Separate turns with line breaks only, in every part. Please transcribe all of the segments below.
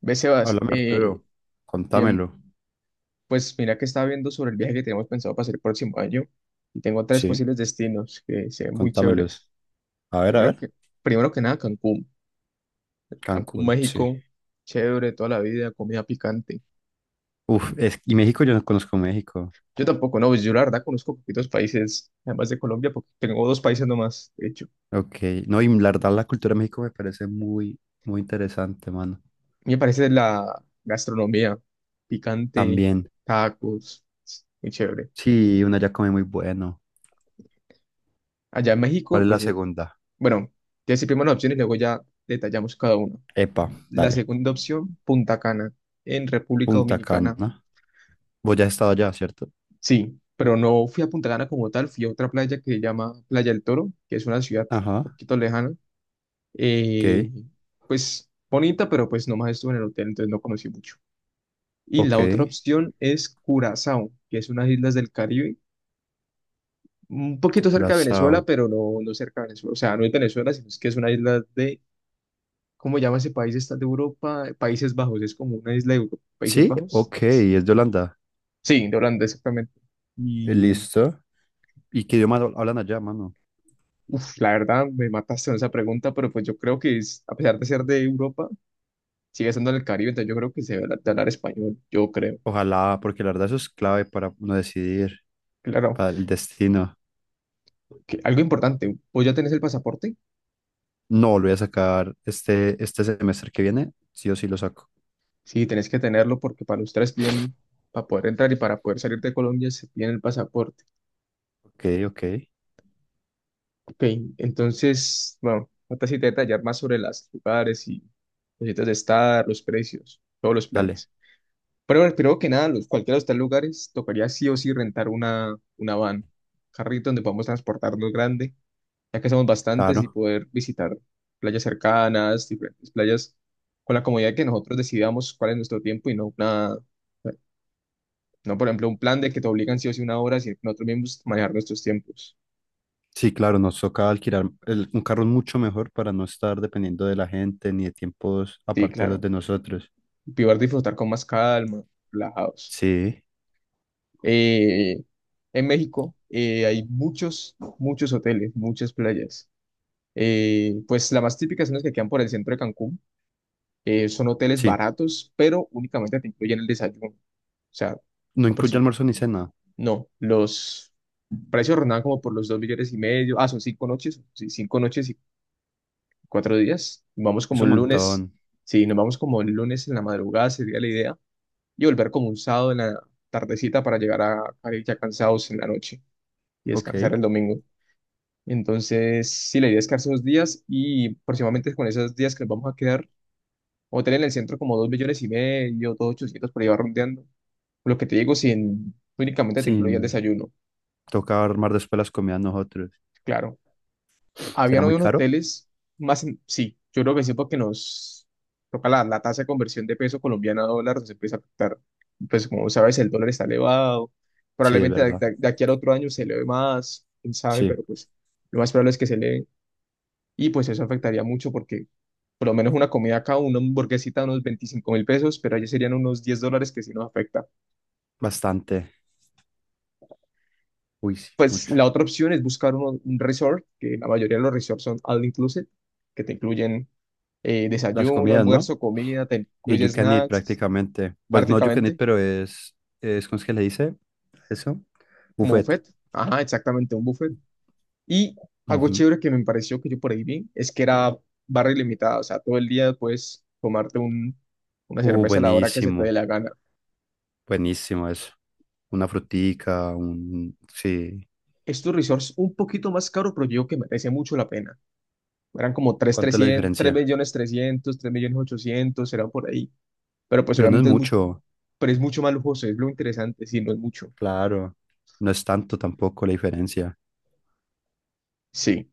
Ve, Sebas,
Háblame, Arturo.
bien,
Contámelo.
pues mira que estaba viendo sobre el viaje que tenemos pensado para hacer el próximo año y tengo tres
Sí,
posibles destinos que se ven muy chéveres.
contámelos. A ver, a
Primero
ver.
que, primero que nada, Cancún. Cancún,
Cancún, sí.
México, chévere, toda la vida, comida picante.
Uf, es, y México, yo no conozco México.
Yo tampoco, no, pues yo la verdad conozco poquitos países, además de Colombia, porque tengo dos países nomás, de hecho.
Ok. No, y la verdad, la cultura de México me parece muy, muy interesante, mano.
Me parece la gastronomía picante,
También.
tacos, es muy chévere.
Sí, una ya come muy bueno.
Allá en
¿Cuál
México,
es la segunda?
bueno, ya decir primero las opciones y luego ya detallamos cada uno.
Epa,
La
dale.
segunda opción, Punta Cana, en República
Punta
Dominicana.
Cana. Vos ya has estado allá, ¿cierto?
Sí, pero no fui a Punta Cana como tal, fui a otra playa que se llama Playa del Toro, que es una ciudad un
Ajá.
poquito lejana. eh,
Ok,
pues bonita, pero pues nomás estuve en el hotel, entonces no conocí mucho. Y la
ok.
otra opción es Curazao, que es unas islas del Caribe, un poquito cerca de Venezuela,
Curazao.
pero no, no cerca de Venezuela. O sea, no es Venezuela, sino es que es una isla de, ¿cómo llama ese país? Está de Europa, Países Bajos, es como una isla de Europa, Países
Sí,
Bajos.
ok, es de Holanda.
Sí, de Holanda, exactamente. Y
Listo. ¿Y qué idioma hablan allá, mano?
uf, la verdad me mataste con esa pregunta, pero pues yo creo que a pesar de ser de Europa, sigue siendo del Caribe, entonces yo creo que se debe de hablar español, yo creo.
Ojalá, porque la verdad eso es clave para uno decidir,
Claro,
para el destino.
que algo importante, ¿vos ya tenés el pasaporte?
No, lo voy a sacar este semestre que viene, sí o sí lo saco.
Sí, tenés que tenerlo porque para ustedes bien, para poder entrar y para poder salir de Colombia se piden el pasaporte.
Ok, ok,
Ok, entonces, bueno, falta sí detallar más sobre los lugares y los sitios de estar, los precios, todos los
dale,
planes. Pero creo que nada, los, cualquiera de estos lugares tocaría sí o sí rentar una van, carrito donde podamos transportarnos grande, ya que somos bastantes y
claro.
poder visitar playas cercanas, diferentes playas, con la comodidad de que nosotros decidamos cuál es nuestro tiempo y no una, no por ejemplo un plan de que te obligan sí o sí una hora, sino que nosotros mismos manejar nuestros tiempos.
Sí, claro, nos toca alquilar un carro mucho mejor para no estar dependiendo de la gente ni de tiempos
Sí,
aparte de los
claro.
de nosotros.
Y poder disfrutar con más calma, relajados.
Sí,
Eh, en México hay muchos, muchos hoteles, muchas playas. Pues las más típicas son las que quedan por el centro de Cancún. Son hoteles
sí,
baratos, pero únicamente te incluyen el desayuno. O sea,
no incluye
aproxim-
almuerzo ni cena,
no, los precios rondaban como por los 2.500.000. Ah, son 5 noches. Sí, 5 noches y 4 días. Vamos
es
como
un
el lunes.
montón.
Sí, nos vamos como el lunes en la madrugada, sería la idea. Y volver como un sábado en la tardecita para llegar a ir ya cansados en la noche y
Ok,
descansar el domingo. Entonces, sí, la idea es quedarse unos días y aproximadamente con esos días que nos vamos a quedar. Hotel en el centro como 2.500.000, dos ochocientos por ahí va rondeando. Lo que te digo, sin únicamente te incluía el
sin
desayuno,
tocar armar después las comidas nosotros.
claro.
¿Será
Habían hoy
muy
unos
caro?
hoteles sí, yo creo que sí porque nos toca la tasa de conversión de peso colombiano a dólar, nos empieza a afectar. Pues como sabes, el dólar está elevado,
Sí, es
probablemente
verdad.
de aquí al otro año se eleve más, quién sabe,
Sí,
pero pues lo más probable es que se eleve. Y pues eso afectaría mucho porque por lo menos una comida acá, una hamburguesita, unos 25.000 pesos, pero allá serían unos 10 dólares que sí nos afecta.
bastante. Uy, sí,
Pues la
mucho.
otra opción es buscar un resort, que la mayoría de los resorts son all inclusive, que te incluyen
Las
desayuno,
comidas, ¿no?
almuerzo, comida, te
Y
incluye
You Can Eat
snacks,
prácticamente. Bueno, no You Can Eat,
prácticamente,
pero es ¿cómo es que le dice eso?
como
Buffet.
buffet. Ajá, exactamente, un buffet. Y algo
Ujú.
chévere que me pareció que yo por ahí vi es que era barra ilimitada, o sea, todo el día puedes tomarte una cerveza a la hora que se te dé
Buenísimo,
la gana.
buenísimo eso. Una frutica, un... Sí,
Estos resorts un poquito más caros, pero yo digo que merece mucho la pena. Eran como tres
¿cuánto es la
trescientos mil, tres
diferencia?
millones trescientos mil, tres millones 3.300, 3.300.000, 3.800.000, eran por ahí. Pero pues
Pero no es
obviamente es muy,
mucho,
pero es mucho más lujoso, es lo interesante, sí, no es mucho.
claro. No es tanto tampoco la diferencia.
Sí.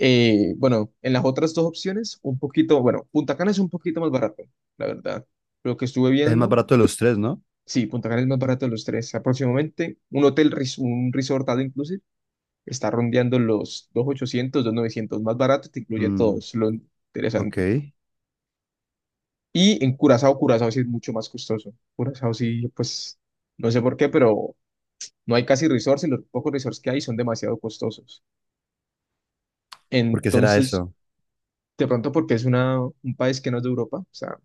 Bueno, en las otras dos opciones, un poquito, bueno, Punta Cana es un poquito más barato, la verdad. Lo que estuve
Es el más
viendo,
barato de los tres, ¿no?
sí, Punta Cana es más barato de los tres. Aproximadamente un hotel, un resort all inclusive, está rondeando los 2.800, novecientos más barato, te incluye todo,
Mm,
es lo
ok.
interesante. Y en Curazao, Curazao sí es mucho más costoso. Curazao sí, pues, no sé por qué, pero no hay casi resorts y los pocos resorts que hay son demasiado costosos.
¿Por qué será
Entonces,
eso?
de pronto porque es un país que no es de Europa, o sea,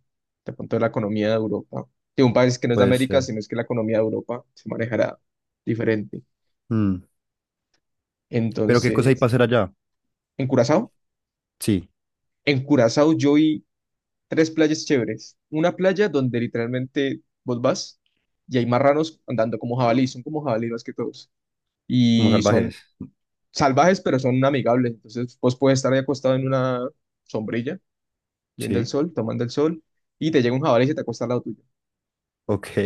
de pronto la economía de Europa, de un país que no es de
Puede
América,
ser.
sino es que la economía de Europa se manejará diferente.
Mm, pero ¿qué cosa hay
Entonces,
para hacer allá?
¿en Curazao?
Sí,
En Curazao yo vi tres playas chéveres. Una playa donde literalmente vos vas y hay marranos andando como jabalí, son como jabalí más que todos.
como
Y son
salvajes.
salvajes, pero son amigables. Entonces, vos puedes estar ahí acostado en una sombrilla, viendo el
Sí,
sol, tomando el sol, y te llega un jabalí y se te acuesta al lado tuyo.
ok.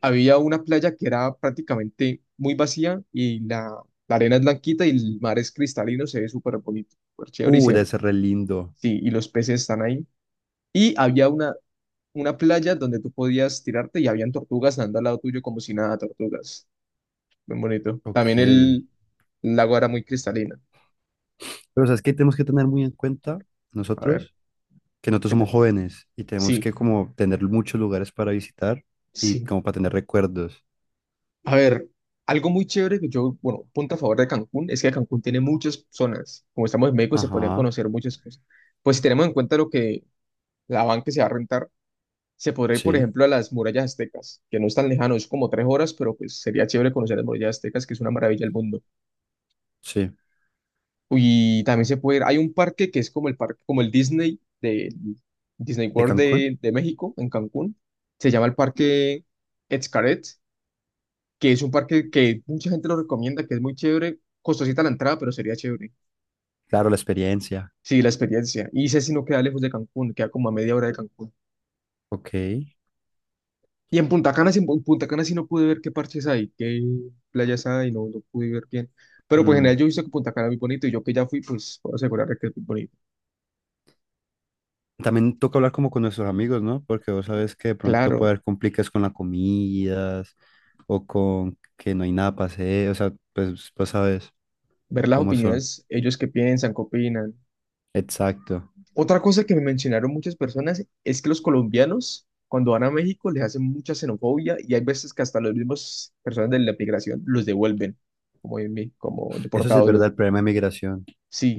Había una playa que era prácticamente muy vacía y la arena es blanquita y el mar es cristalino, se ve súper bonito, súper chévere
Debe ser re lindo.
sí, y los peces están ahí. Y había una playa donde tú podías tirarte y habían tortugas andando al lado tuyo como si nada, tortugas. Muy bonito.
Ok.
También
Pero
el lago era muy cristalino.
sabes que tenemos que tener muy en cuenta
A ver,
nosotros, que nosotros
¿qué
somos
te...?
jóvenes y tenemos
Sí,
que como tener muchos lugares para visitar y
sí.
como para tener recuerdos.
A ver. Algo muy chévere que yo, bueno, punto a favor de Cancún es que Cancún tiene muchas zonas. Como estamos en México, se podrían
Ajá,
conocer muchas cosas. Pues si tenemos en cuenta lo que la van que se va a rentar, se podría ir, por
sí,
ejemplo, a las murallas aztecas, que no es tan lejano, es como 3 horas, pero pues sería chévere conocer las murallas aztecas, que es una maravilla del mundo.
sí.
Y también se puede ir, hay un parque que es como el parque, como el Disney de Disney
¿De
World
Cancún?
de México, en Cancún, se llama el Parque Xcaret, que es un parque que mucha gente lo recomienda, que es muy chévere, costosita la entrada, pero sería chévere.
Claro, la experiencia.
Sí, la experiencia. Y ese sí no queda lejos de Cancún, queda como a media hora de Cancún.
Ok.
Y en Punta Cana, en Punta Cana sí no pude ver qué parches hay, qué playas hay, no, no pude ver bien. Pero pues en general
Mm.
yo he visto que Punta Cana es muy bonito y yo que ya fui, pues puedo asegurar que es muy bonito.
También toca hablar como con nuestros amigos, ¿no? Porque vos sabes que de pronto
Claro,
puede haber complicaciones con las comidas o con que no hay nada para hacer. O sea, pues sabes
ver las
cómo son.
opiniones, ellos qué piensan, qué opinan.
Exacto.
Otra cosa que me mencionaron muchas personas es que los colombianos cuando van a México les hacen mucha xenofobia y hay veces que hasta los mismos personas de la migración los devuelven, como, en mí, como
Eso sí es
deportados.
verdad, el problema de migración.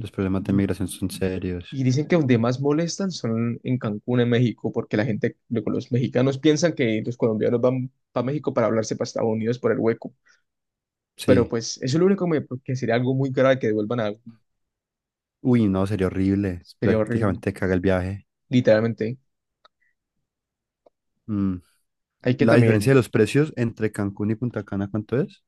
Los problemas de
y
migración son serios.
y dicen que donde más molestan son en Cancún, en México, porque la gente, luego los mexicanos piensan que los colombianos van a México para hablarse para Estados Unidos por el hueco. Pero
Sí.
pues eso es lo único que sería algo muy grave que devuelvan a...
Uy, no, sería horrible. Es
Sería horrible,
prácticamente caga el viaje.
literalmente.
Mm.
Hay que
La diferencia de
también,
los precios entre Cancún y Punta Cana, ¿cuánto es?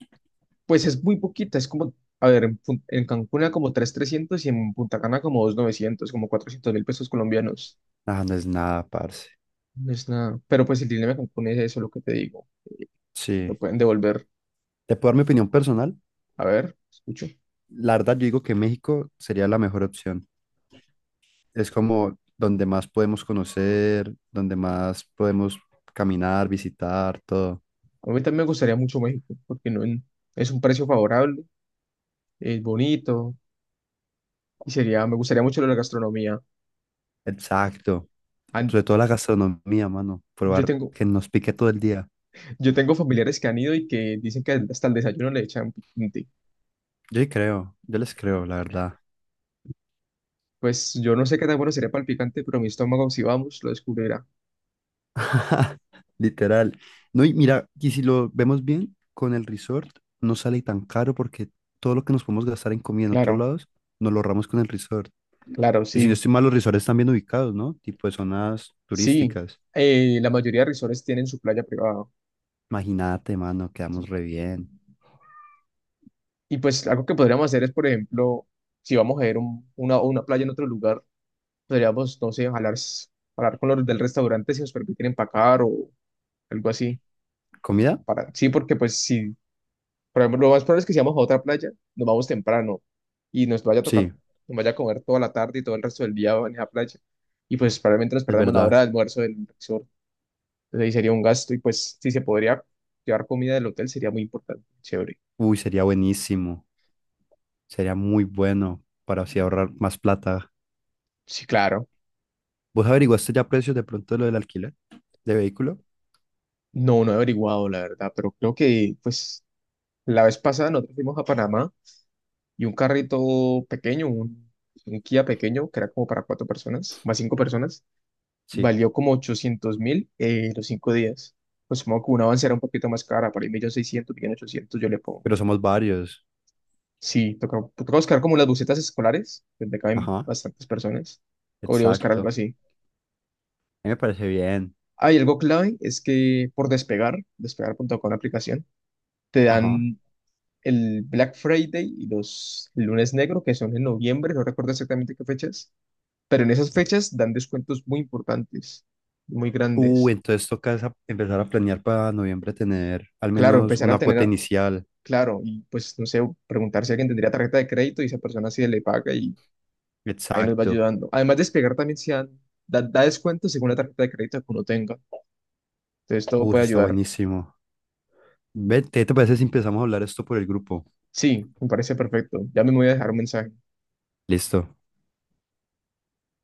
pues es muy poquita, es como, a ver, en Cancún era como 3.300 y en Punta Cana como 2.900 como 400.000 pesos colombianos.
Ah, no es nada, parce.
No es nada. Pero pues el dilema de Cancún es eso, lo que te digo. Lo
Sí.
pueden devolver.
¿Te puedo dar mi opinión personal?
A ver, escucho.
La verdad, yo digo que México sería la mejor opción. Es como donde más podemos conocer, donde más podemos caminar, visitar, todo.
A mí también me gustaría mucho México, porque no en- es un precio favorable, es bonito y sería, me gustaría mucho lo de la gastronomía.
Exacto.
Han-
Sobre todo la gastronomía, mano.
yo
Probar
tengo,
que nos pique todo el día.
yo tengo familiares que han ido y que dicen que hasta el desayuno le echan picante.
Yo sí creo, yo les creo, la verdad.
Pues yo no sé qué tan bueno sería para el picante, pero mi estómago, si vamos, lo descubrirá.
Literal. No, y mira, y si lo vemos bien, con el resort no sale tan caro porque todo lo que nos podemos gastar en comida en otros
Claro,
lados, nos lo ahorramos con el resort.
claro,
Y si no
sí,
estoy mal, los resorts están bien ubicados, ¿no? Tipo de zonas
sí.
turísticas.
La mayoría de resorts tienen su playa privada.
Imagínate, mano, quedamos re bien.
Y pues algo que podríamos hacer es, por ejemplo, si vamos a ir a una playa en otro lugar, podríamos, no sé, hablar con los del restaurante si nos permiten empacar o algo así.
¿Comida?
Para, sí, porque pues si, por ejemplo, lo más probable es que si vamos a otra playa, nos vamos temprano y nos vaya a tocar,
Sí,
nos vaya a comer toda la tarde y todo el resto del día en esa playa. Y pues probablemente nos
es
perdamos la
verdad.
hora de almuerzo del resort. Entonces ahí sería un gasto y pues si se podría llevar comida del hotel sería muy importante, chévere.
Uy, sería buenísimo. Sería muy bueno para así ahorrar más plata.
Sí, claro.
¿Vos averiguaste ya precios de pronto de lo del alquiler de vehículo?
No, no he averiguado, la verdad, pero creo que pues la vez pasada nosotros fuimos a Panamá y un carrito pequeño, un Kia pequeño, que era como para cuatro personas, más cinco personas,
Sí.
valió como 800.000 los 5 días. Pues supongo que una Avanza era un poquito más cara, por ahí millón seiscientos, millón ochocientos yo le pongo.
Pero somos varios.
Sí, toca, toca buscar como las busetas escolares, donde caben
Ajá,
bastantes personas. Podría buscar
exacto.
algo
A
así.
mí me parece bien.
Hay algo clave, es que por despegar punto despegar.com la aplicación, te
Ajá.
dan el Black Friday y los lunes negro, que son en noviembre, no recuerdo exactamente qué fechas, pero en esas fechas dan descuentos muy importantes, muy grandes.
Entonces empezar a planear para noviembre tener al
Claro,
menos
empezar a
una cuota
tener,
inicial.
claro, y pues no sé, preguntar si alguien tendría tarjeta de crédito y esa persona sí le paga y ahí nos va
Exacto.
ayudando. Además, despegar también se dan, da descuentos según la tarjeta de crédito que uno tenga. Entonces todo
Eso
puede
está
ayudar.
buenísimo. Vete, ¿te parece si empezamos a hablar esto por el grupo?
Sí, me parece perfecto. Ya me voy a dejar un mensaje.
Listo.